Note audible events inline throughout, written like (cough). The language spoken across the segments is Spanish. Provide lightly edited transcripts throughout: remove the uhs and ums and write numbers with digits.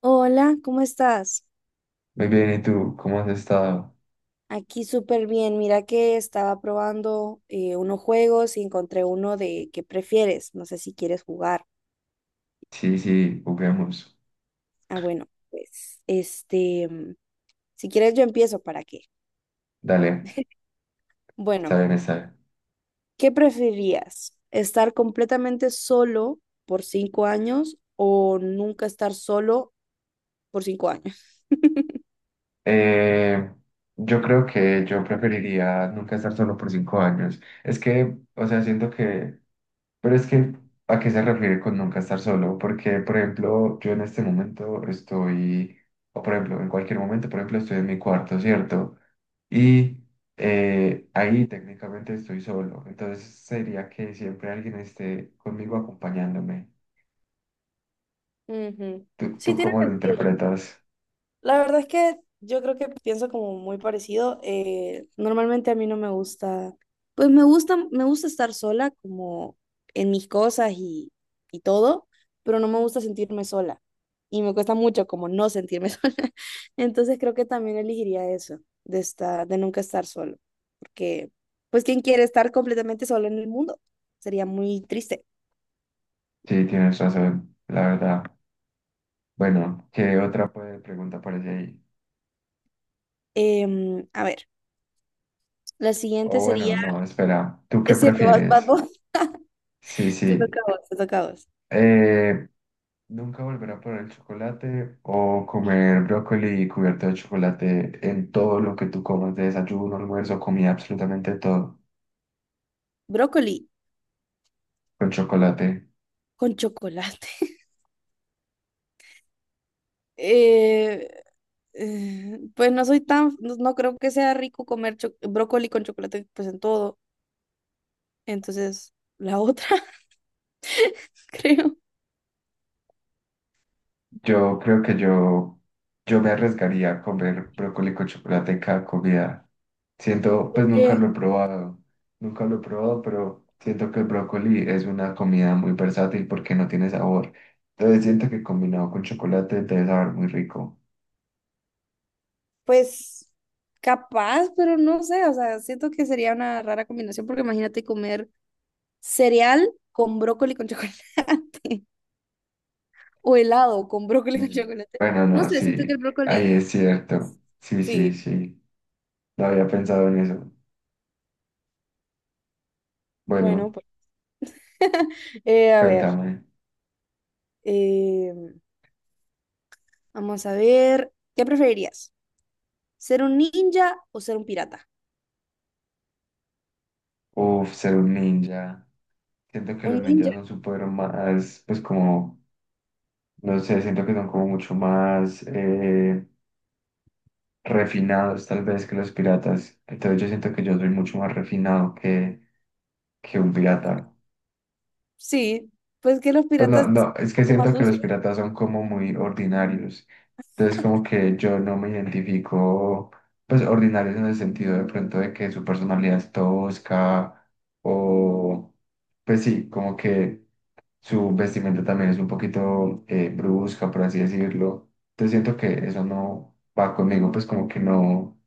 Hola, ¿cómo estás? Muy bien, ¿y tú? ¿Cómo has estado? Aquí súper bien. Mira que estaba probando unos juegos y encontré uno de ¿qué prefieres? No sé si quieres jugar. Sí, sí, juguemos. Ah, bueno, pues este, si quieres yo empiezo, ¿para qué? Dale, está Bueno, bien, está bien. ¿qué preferirías? ¿Estar completamente solo por 5 años o nunca estar solo por 5 años? Eh, yo creo que yo preferiría nunca estar solo por 5 años. Es que, o sea, siento que, pero es que, ¿a qué se refiere con nunca estar solo? Porque, por ejemplo, yo en este momento estoy, o por ejemplo, en cualquier momento, por ejemplo, estoy en mi cuarto, ¿cierto? Y ahí técnicamente estoy solo. Entonces sería que siempre alguien esté conmigo acompañándome. Ujú. ¿Tú, Sí, tú tiene cómo lo sentido. interpretas? La verdad es que yo creo que pienso como muy parecido. Normalmente a mí no me gusta, pues me gusta estar sola como en mis cosas y todo, pero no me gusta sentirme sola. Y me cuesta mucho como no sentirme (laughs) sola. Entonces creo que también elegiría eso, de estar, de nunca estar solo, porque pues ¿quién quiere estar completamente solo en el mundo? Sería muy triste. Sí, tienes razón, la verdad. Bueno, ¿qué otra pregunta aparece ahí? Em, a ver, la siguiente O bueno, sería, no, espera, ¿tú qué es cierto, vas prefieres? vos, (laughs) Sí, te toca sí. a vos, te toca a vos. Eh, ¿Nunca volver a poner el chocolate o comer brócoli cubierto de chocolate en todo lo que tú comas, de desayuno, almuerzo, comida, absolutamente todo Brócoli con chocolate? con chocolate. (laughs) Eh, pues no soy tan, no, no creo que sea rico comer brócoli con chocolate pues en todo. Entonces, la otra, (laughs) creo. Yo creo que yo me arriesgaría a comer brócoli con chocolate en cada comida. Siento, pues nunca lo Porque, he probado, nunca lo he probado, pero siento que el brócoli es una comida muy versátil porque no tiene sabor. Entonces siento que combinado con chocolate debe saber muy rico. pues capaz, pero no sé, o sea, siento que sería una rara combinación porque imagínate comer cereal con brócoli con chocolate (laughs) o helado con brócoli con Mm. chocolate. Bueno, No no, sé, siento que el sí, ahí es brócoli... cierto. pues, Sí, sí, sí, sí, no había pensado en eso. bueno, Bueno, pues (laughs) a ver. cuéntame. eh, Vamos a ver, ¿qué preferirías? ¿Ser un ninja o ser un pirata? Uf, ser un ninja. Siento que Un los ninja, ninjas son súper más, pues como, no sé, siento que son como mucho más refinados tal vez que los piratas. Entonces yo siento que yo soy mucho más refinado que un pirata. sí, pues que los Pues no, piratas son no, es un que poco más siento que los sucios. piratas son como muy ordinarios. Entonces como que yo no me identifico, pues ordinarios en el sentido de pronto de que su personalidad es tosca o pues sí, como que su vestimenta también es un poquito brusca, por así decirlo. Entonces siento que eso no va conmigo, pues como que no.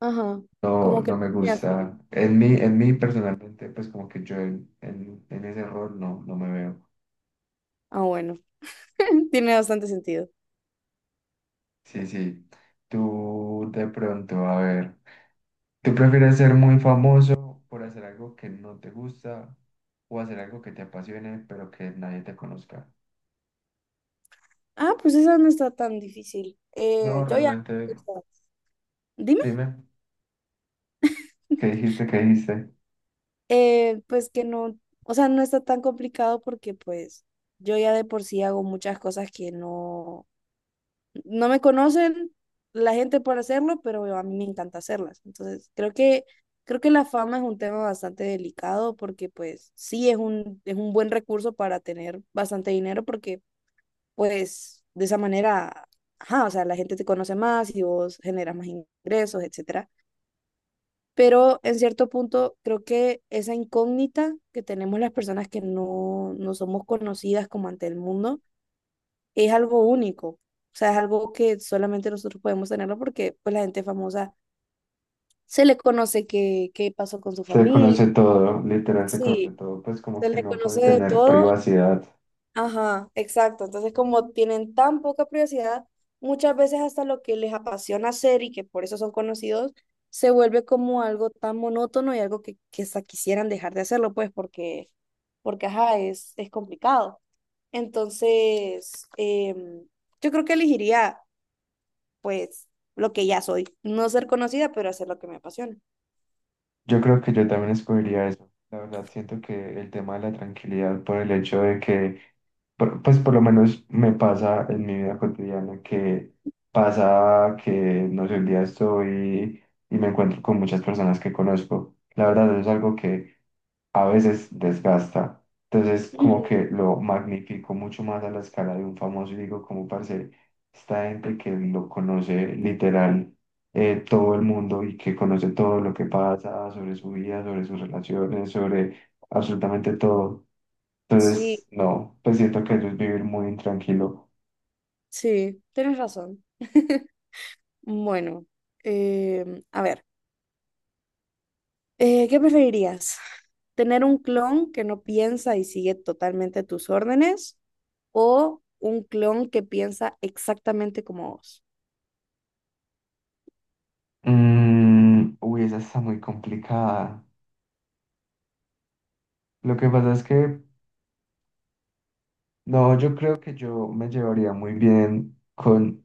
Ajá, No, como que... no no me tiene gusta. fin. En mí personalmente, pues como que yo en ese rol no, no me veo. Ah, bueno, (laughs) tiene bastante sentido. Sí, sí. Tú de pronto, a ver, ¿tú prefieres ser muy famoso por hacer algo que no te gusta o hacer algo que te apasione pero que nadie te conozca? Ah, pues esa no está tan difícil. No, Yo ya... realmente, Dime. dime, ¿qué dijiste? ¿Qué dijiste? Pues que no, o sea, no está tan complicado porque pues yo ya de por sí hago muchas cosas que no... no me conocen la gente para hacerlo, pero a mí me encanta hacerlas. Entonces, creo que la fama es un tema bastante delicado porque pues sí es un buen recurso para tener bastante dinero porque pues de esa manera, ajá, o sea, la gente te conoce más y vos generas más ingresos, etcétera. Pero en cierto punto creo que esa incógnita que tenemos las personas que no, no somos conocidas como ante el mundo, es algo único. O sea, es algo que solamente nosotros podemos tenerlo porque pues la gente famosa se le conoce qué pasó con su Se familia. conoce todo, literal, se conoce Sí, todo, pues como se que le no puede conoce de tener todo. privacidad. Ajá, exacto. Entonces, como tienen tan poca privacidad, muchas veces hasta lo que les apasiona hacer y que por eso son conocidos, se vuelve como algo tan monótono y algo que hasta quisieran dejar de hacerlo, pues, porque ajá, es complicado. Entonces, em, yo creo que elegiría pues lo que ya soy. No ser conocida, pero hacer lo que me apasiona. Yo creo que yo también escogería eso. La verdad, siento que el tema de la tranquilidad por el hecho de que, pues por lo menos me pasa en mi vida cotidiana, que pasa que, no sé, un día estoy y me encuentro con muchas personas que conozco. La verdad, eso es algo que a veces desgasta. Entonces, como Ujú. que lo magnifico mucho más a la escala de un famoso y digo, como parce, esta gente que lo conoce literal todo el mundo y que conoce todo lo que pasa sobre su vida, sobre sus relaciones, sobre absolutamente todo. Sí, Entonces, no, pues siento que eso es vivir muy intranquilo. sí, tienes razón. Bueno, em, a ver, ¿qué preferirías? ¿Tener un clon que no piensa y sigue totalmente tus órdenes o un clon que piensa exactamente como vos? Mm, uy, esa está muy complicada. Lo que pasa es que, no, yo creo que yo me llevaría muy bien con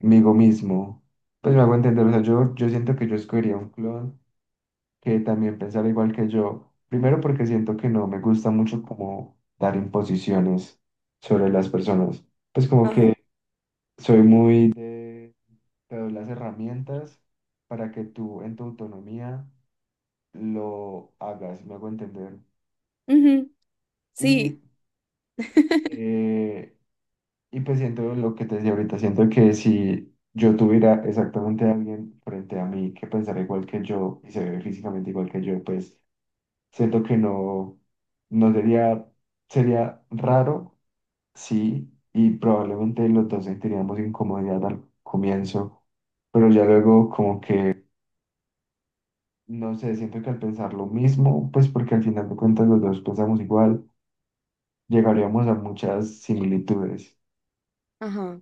conmigo mismo. Pues me hago entender, o sea, yo siento que yo escogería un clon que también pensara igual que yo. Primero porque siento que no me gusta mucho como dar imposiciones sobre las personas. Pues como Ajá. que soy muy de, te doy las herramientas para que tú en tu autonomía lo hagas, me hago entender. Ujú, Y sí, eh, Y pues siento lo que te decía ahorita, siento que si yo tuviera exactamente a alguien frente a mí que pensara igual que yo y se ve físicamente igual que yo, pues siento que no, no sería, sería raro, sí, y probablemente los dos sentiríamos incomodidad al comienzo, pero ya luego como que, no sé, siento que al pensar lo mismo, pues porque al final de cuentas los dos pensamos igual, llegaríamos a muchas similitudes. ajá.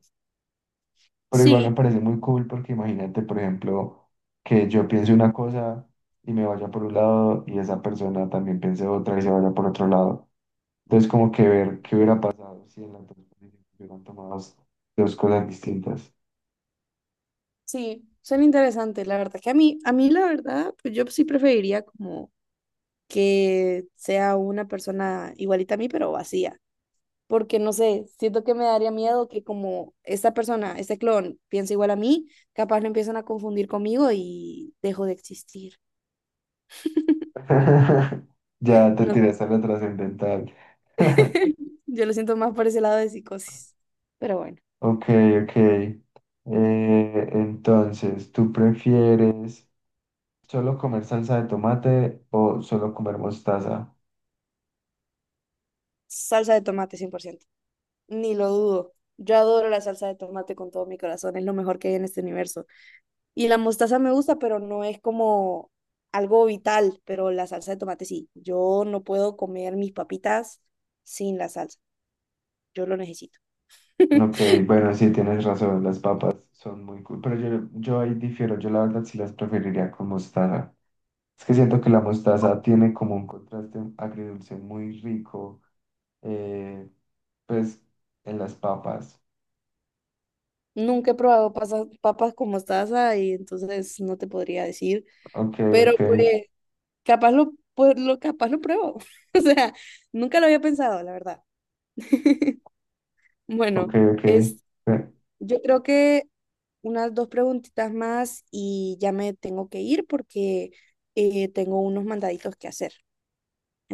Pero igual me Sí, parece muy cool porque imagínate, por ejemplo, que yo piense una cosa y me vaya por un lado y esa persona también piense otra y se vaya por otro lado. Entonces, como que ver qué hubiera pasado si en la transposición hubieran tomado dos cosas distintas. sí, son interesantes la verdad que a mí la verdad, pues yo sí preferiría como que sea una persona igualita a mí, pero vacía. Porque no sé, siento que me daría miedo que como esta persona, este clon, piensa igual a mí, capaz lo empiezan a confundir conmigo y dejo de existir. (laughs) Ya te No, tiraste a lo trascendental. (laughs) (laughs) yo lo siento más por ese lado de psicosis. Pero bueno, Ok, ok. Entonces, ¿tú prefieres solo comer salsa de tomate o solo comer mostaza? salsa de tomate 100%. Ni lo dudo. Yo adoro la salsa de tomate con todo mi corazón, es lo mejor que hay en este universo. Y la mostaza me gusta, pero no es como algo vital, pero la salsa de tomate sí. Yo no puedo comer mis papitas sin la salsa. Yo lo necesito. Ok, (laughs) bueno, sí, tienes razón, las papas son muy cool, pero yo ahí difiero, yo la verdad sí las preferiría con mostaza. Es que siento que la mostaza tiene como un contraste agridulce muy rico, eh, pues en las papas. Nunca he probado papas con mostaza y entonces no te podría decir, Ok, pero ok, pues capaz lo, pues, lo capaz lo pruebo. (laughs) O sea, nunca lo había pensado, la verdad. (laughs) ok, Bueno, ok. Yo creo que unas dos preguntitas más y ya me tengo que ir porque tengo unos mandaditos que hacer.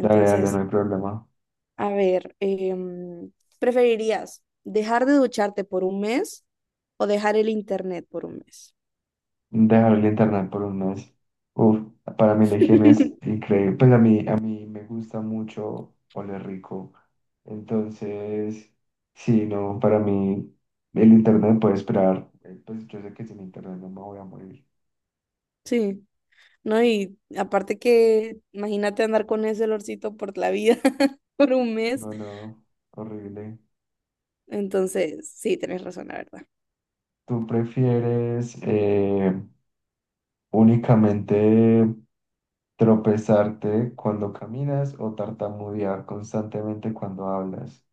Dale, dale, no hay problema. a ver, em, ¿preferirías dejar de ducharte por un mes o dejar el internet por un mes? Dejar el internet por un mes. Uf, para mí la higiene es (laughs) increíble. Pues a mí me gusta mucho oler rico. Entonces, sí, no, para mí el internet puede esperar. Pues yo sé que sin internet no me voy a morir. Sí, ¿no? Y aparte que imagínate andar con ese olorcito por la vida (laughs) por un mes. No, no, horrible. Entonces, sí, tenés razón, la verdad. ¿Tú prefieres únicamente tropezarte cuando caminas o tartamudear constantemente cuando hablas?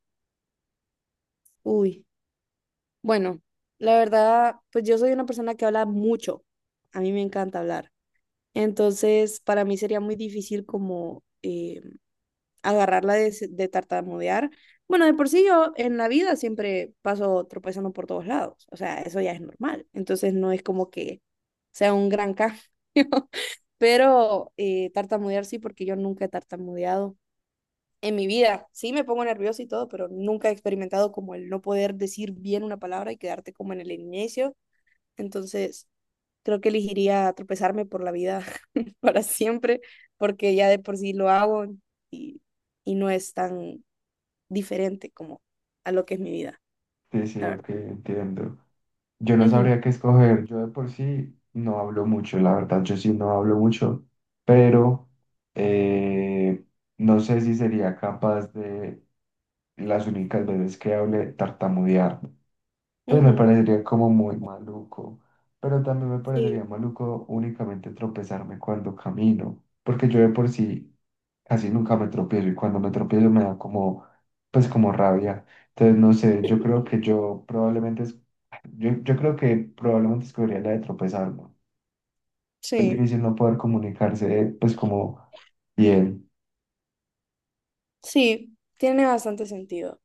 Uy, bueno, la verdad, pues yo soy una persona que habla mucho. A mí me encanta hablar. Entonces, para mí sería muy difícil como agarrarla de, de tartamudear. Bueno, de por sí yo en la vida siempre paso tropezando por todos lados. O sea, eso ya es normal. Entonces, no es como que sea un gran cambio. (laughs) Pero tartamudear sí, porque yo nunca he tartamudeado en mi vida. Sí, me pongo nerviosa y todo, pero nunca he experimentado como el no poder decir bien una palabra y quedarte como en el inicio entonces, creo que elegiría tropezarme por la vida (laughs) para siempre, porque ya de por sí lo hago y, y no es tan diferente como a lo que es mi vida, Sí, sí, la verdad. ok, entiendo. Yo no Ujú, sabría qué escoger. Yo de por sí no hablo mucho, la verdad, yo sí no hablo mucho, pero eh, no sé si sería capaz de las únicas veces que hable tartamudear. Pues me ujú, parecería como muy maluco, pero también me sí, parecería maluco únicamente tropezarme cuando camino, porque yo de por sí casi nunca me tropiezo y cuando me tropiezo me da como, pues como rabia. Entonces, no sé, yo creo que yo probablemente, yo creo que probablemente escogería la de tropezarme. Es sí, difícil no poder comunicarse, pues como bien. sí, tiene bastante sentido.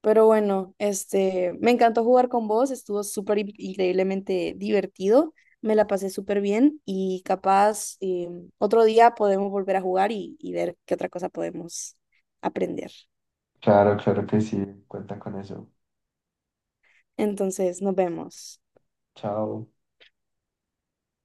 Pero bueno, este, me encantó jugar con vos, estuvo súper increíblemente divertido, me la pasé súper bien y capaz otro día podemos volver a jugar y ver qué otra cosa podemos aprender. Claro, claro que sí, cuenta con eso. Entonces, nos vemos. Chao.